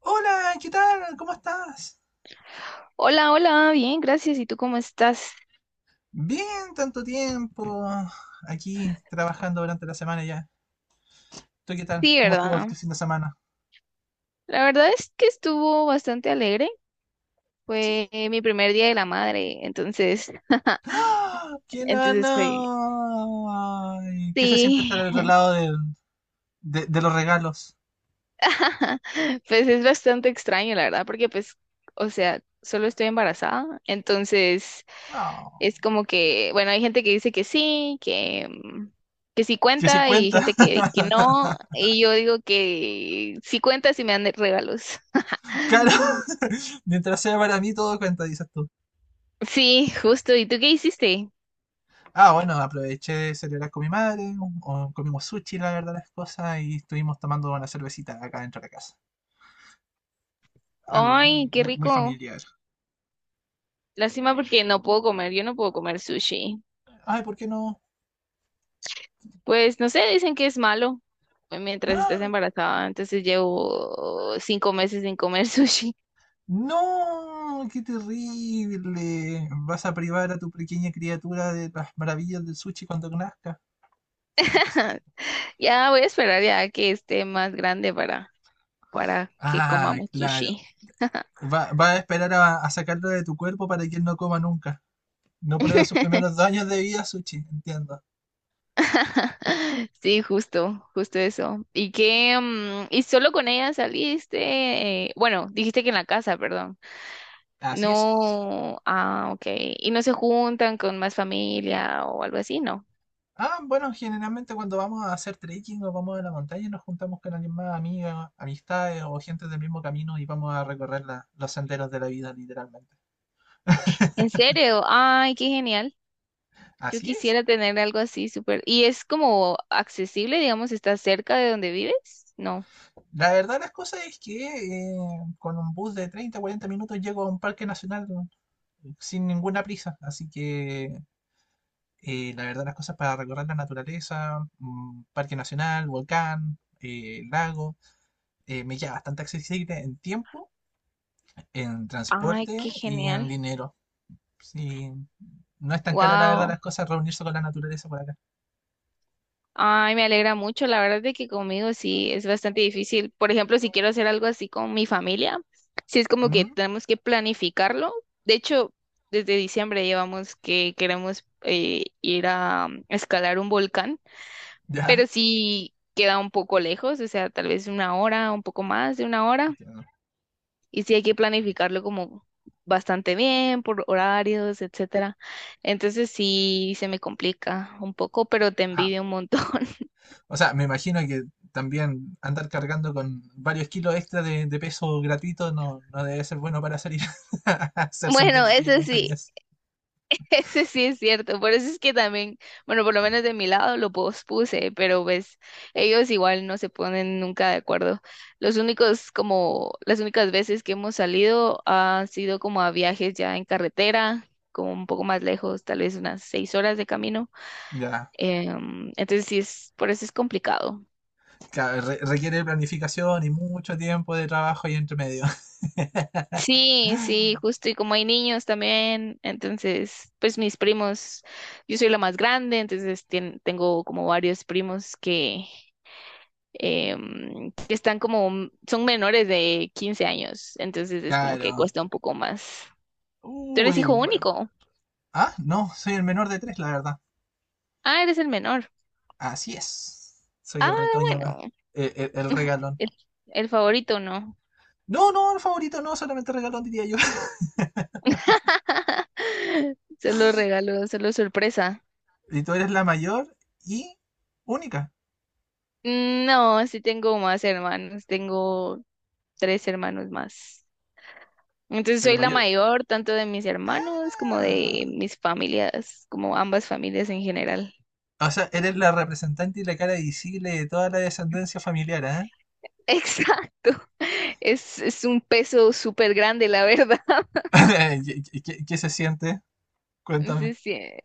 Hola, ¿qué tal? ¿Cómo estás? Hola, hola, bien, gracias. ¿Y tú cómo estás? Bien, tanto tiempo. Aquí trabajando durante la semana ya. ¿Tú qué tal? Sí, ¿Cómo estuvo ¿verdad? este fin de semana? La verdad es que estuvo bastante alegre. Sí. Fue mi primer día de la madre, entonces, ¡Ah! ¡Qué entonces fue, nana! Ay, ¿qué se siente estar sí, al otro lado de los regalos? pues es bastante extraño, la verdad, porque pues, o sea, solo estoy embarazada, entonces Ah, es como que, bueno, hay gente que dice que sí, que que sí que sí cuenta y cuenta. gente que no, y yo digo que sí cuenta si me dan regalos. Claro, mientras sea para mí todo cuenta, dices tú. Sí, justo. ¿Y tú qué hiciste? Ah, bueno, aproveché de celebrar con mi madre, o comimos sushi, la verdad, las cosas, y estuvimos tomando una cervecita acá dentro de la casa. Algo Ay, muy, qué muy, muy rico. familiar. Lástima porque no puedo comer, yo no puedo comer sushi. Ay, ¿por qué no? Pues no sé, dicen que es malo mientras estás ¡Ah! embarazada. Entonces llevo 5 meses sin comer sushi. ¡No! ¡Qué terrible! Vas a privar a tu pequeña criatura de las maravillas del sushi cuando nazca. Santo cielo. Ya voy a esperar ya que esté más grande para que Ah, comamos claro. sushi. Va, va a esperar a sacarlo de tu cuerpo para que él no coma nunca. No pruebe sus primeros dos años de vida, sushi. Entiendo. Sí, justo, justo eso. ¿Y qué? ¿Y solo con ella saliste? Bueno, dijiste que en la casa, perdón. Así es. No, ah, ok. Y no se juntan con más familia o algo así, ¿no? Ah, bueno, generalmente cuando vamos a hacer trekking o vamos a la montaña nos juntamos con alguien más, amigas, amistades o gente del mismo camino y vamos a recorrer los senderos de la vida, literalmente. ¿En serio? Ay, qué genial. Yo Así es. quisiera tener algo así, súper. ¿Y es como accesible, digamos, está cerca de donde vives? No. La verdad las cosas es que con un bus de 30, 40 minutos llego a un parque nacional, ¿no? Sin ninguna prisa. Así que la verdad las cosas para recorrer la naturaleza, parque nacional, volcán, lago, me queda bastante accesible en tiempo, en Ay, transporte qué y en genial. dinero. Sí, no es tan cara la verdad Wow. las cosas reunirse con la naturaleza por acá. Ay, me alegra mucho. La verdad de que conmigo sí es bastante difícil. Por ejemplo, si quiero hacer algo así con mi familia, sí es como que Mm. tenemos que planificarlo. De hecho, desde diciembre llevamos que queremos ir a escalar un volcán, Ya, pero sí queda un poco lejos, o sea, tal vez 1 hora, un poco más de 1 hora. entiendo. Y sí hay que planificarlo como bastante bien, por horarios, etcétera. Entonces sí se me complica un poco, pero te Ajá. envidio un montón. O sea, me imagino que también andar cargando con varios kilos extra de peso gratuito no, no debe ser bueno para salir a hacer Bueno, senderismo, eso sí. montañas. Ese sí es cierto, por eso es que también, bueno, por lo menos de mi lado lo pospuse, pero pues ellos igual no se ponen nunca de acuerdo. Los únicos, como las únicas veces que hemos salido han sido como a viajes ya en carretera, como un poco más lejos, tal vez unas 6 horas de camino. Ya, Entonces sí es, por eso es complicado. claro, requiere planificación y mucho tiempo de trabajo ahí entre medio. Sí, sí, justo, y como hay niños también, entonces, pues mis primos, yo soy la más grande, entonces tengo como varios primos que que están como, son menores de 15 años, entonces es como que Claro. cuesta un poco más. Tú eres Uy, hijo único. ah, no, soy el menor de tres, la verdad. Ah, eres el menor. Así es. Soy Ah, el retoño más, bueno, el, regalón. el, el favorito no. No, no, favorito no, solamente regalón diría yo. Solo regalo, solo sorpresa. Y tú eres la mayor y única, No, sí tengo más hermanos, tengo tres hermanos más. Entonces pero soy la mayor. mayor, tanto de mis hermanos como de Ah. mis familias, como ambas familias en general. O sea, eres la representante y la cara visible de toda la descendencia familiar, ¿eh? Exacto. Es un peso súper grande, la verdad. ¿Qué, qué se siente? Cuéntame. Sí, sí.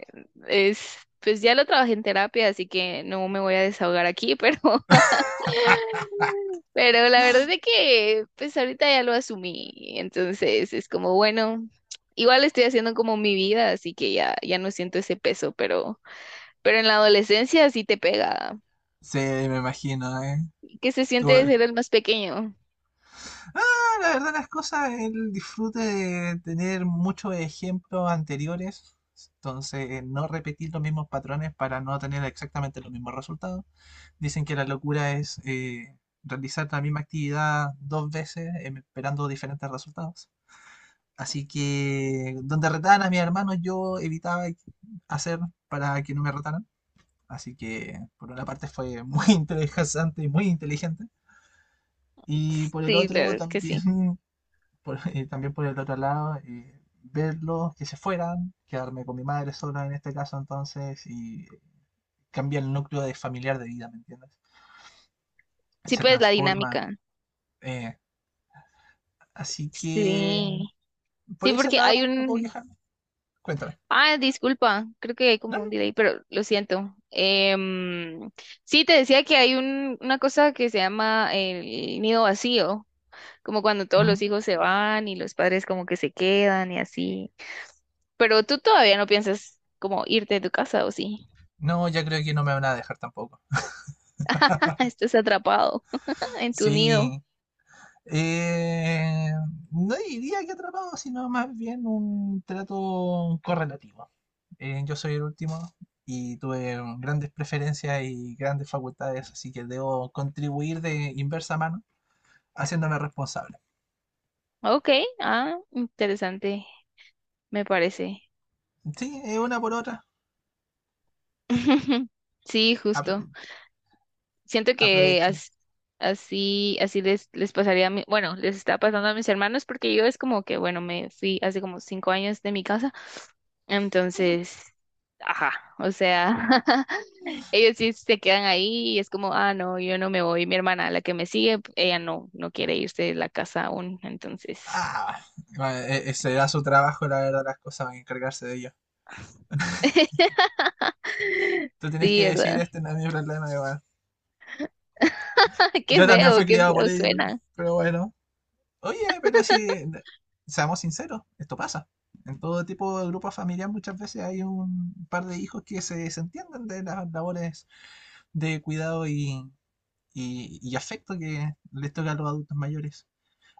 Es, pues ya lo trabajé en terapia, así que no me voy a desahogar aquí, pero, pero la verdad es que pues ahorita ya lo asumí. Entonces es como, bueno, igual estoy haciendo como mi vida, así que ya, ya no siento ese peso, pero en la adolescencia sí te pega. Sí, me imagino, ¿eh? ¿Qué se siente de Tú. ser el más pequeño? No, la verdad, las cosas, el disfrute de tener muchos ejemplos anteriores, entonces no repetir los mismos patrones para no tener exactamente los mismos resultados. Dicen que la locura es realizar la misma actividad 2 veces esperando diferentes resultados. Así que donde retaban a mis hermanos yo evitaba hacer para que no me retaran. Así que por una parte fue muy interesante y muy inteligente. Y por el Sí, la otro verdad es que sí. también, por, también por el otro lado, verlos que se fueran, quedarme con mi madre sola en este caso, entonces, y cambia el núcleo de familiar de vida, ¿me entiendes? Sí, Se pues la transforma, dinámica. eh, así que Sí. por Sí, ese porque hay lado no puedo un, quejarme. Cuéntame. Ah, disculpa, creo que hay No, como un delay, pero lo siento. Sí, te decía que hay una cosa que se llama el nido vacío, como cuando no, todos los mm, hijos se van y los padres como que se quedan y así. Pero tú todavía no piensas como irte de tu casa, ¿o sí? no, ya creo que no me van a dejar tampoco. Estás atrapado en tu nido. Sí. eh, no diría que atrapado, sino más bien un trato correlativo. Yo soy el último y tuve grandes preferencias y grandes facultades, así que debo contribuir de inversa mano, haciéndome responsable. Ok, ah, interesante, me parece. Sí, es una por otra. Sí, justo. Siento que Aprovechan. as- Así, así les pasaría a bueno, les está pasando a mis hermanos porque yo es como que, bueno, me fui hace como 5 años de mi casa, entonces, ajá, o sea, ellos sí se quedan ahí y es como, ah, no, yo no me voy, mi hermana, la que me sigue, ella no quiere irse de la casa aún, entonces, Ah, bueno, ese era su trabajo, la verdad, las cosas, van a encargarse de ellos. Tú tienes que sí, decir, ¿verdad? este no es mi problema, y bueno, yo también fui qué criado por feo ellos, suena, pero bueno. Oye, pero si, seamos sinceros, esto pasa. En todo tipo de grupos familiares muchas veces hay un par de hijos que se desentienden de las labores de cuidado y, y afecto que les toca a los adultos mayores.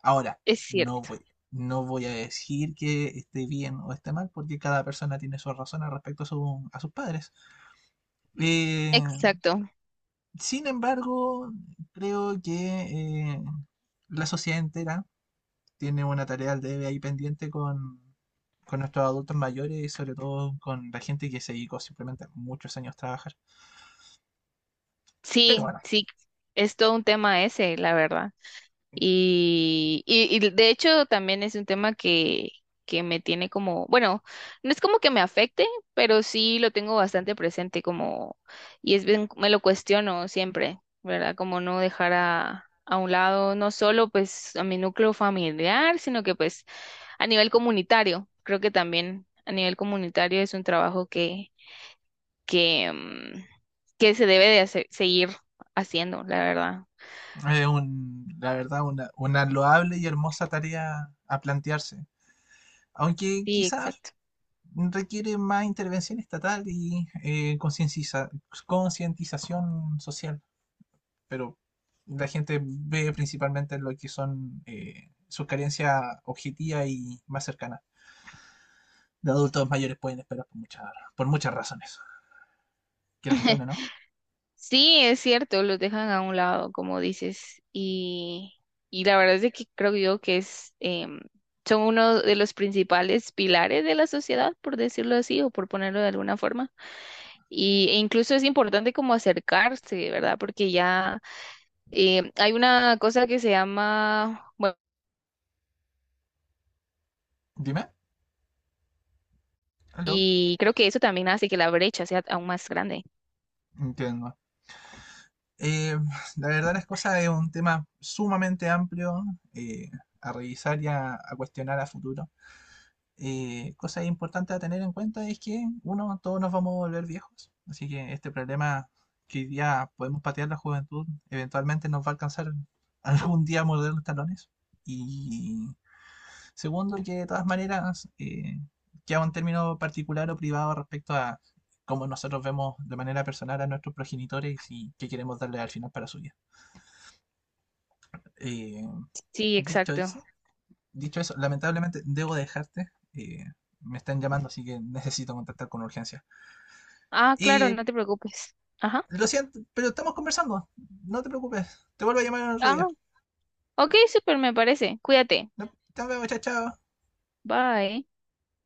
Ahora, es no cierto, voy, no voy a decir que esté bien o esté mal, porque cada persona tiene sus razones respecto a, a sus padres. Eh, exacto, sin embargo, creo que la sociedad entera tiene una tarea al debe ahí pendiente con nuestros adultos mayores y sobre todo con la gente que se dedicó simplemente muchos años a trabajar. Pero sí, bueno, sí, es todo un tema ese, la verdad. Y de hecho también es un tema que me tiene como, bueno, no es como que me afecte, pero sí lo tengo bastante presente como, y es bien, me lo cuestiono siempre, ¿verdad? Como no dejar a un lado, no solo pues a mi núcleo familiar, sino que pues a nivel comunitario, creo que también a nivel comunitario es un trabajo que que se debe de seguir haciendo, la verdad. es la verdad una loable y hermosa tarea a plantearse. Aunque Sí, quizás exacto. requiere más intervención estatal y concientización social, pero la gente ve principalmente lo que son sus carencias objetivas y más cercanas. Los adultos mayores pueden esperar por muchas razones. Qué lamentable, ¿no? Sí, es cierto, los dejan a un lado, como dices, y la verdad es de que creo yo que es, son uno de los principales pilares de la sociedad, por decirlo así, o por ponerlo de alguna forma. Y, e incluso es importante como acercarse, ¿verdad? Porque ya hay una cosa que se llama, bueno, Dime. Aló. y creo que eso también hace que la brecha sea aún más grande. Entiendo. Eh, la verdad las cosas es un tema sumamente amplio eh, a revisar y a cuestionar a futuro. Cosa importante a tener en cuenta es que, uno, todos nos vamos a volver viejos, así que este problema que hoy día podemos patear la juventud, eventualmente nos va a alcanzar algún día a morder los talones. Y segundo, que de todas maneras queda un término particular o privado respecto a cómo nosotros vemos de manera personal a nuestros progenitores y qué queremos darle al final para su vida. Eh, Sí, dicho exacto. eso, dicho eso, lamentablemente debo dejarte. Me están llamando, así que necesito contactar con urgencia. Ah, claro, Y no te preocupes. Ajá. lo siento, pero estamos conversando. No te preocupes. Te vuelvo a llamar en otro Ah, día. ok, súper, me parece. Cuídate. No, te veo, chao, chao. Bye.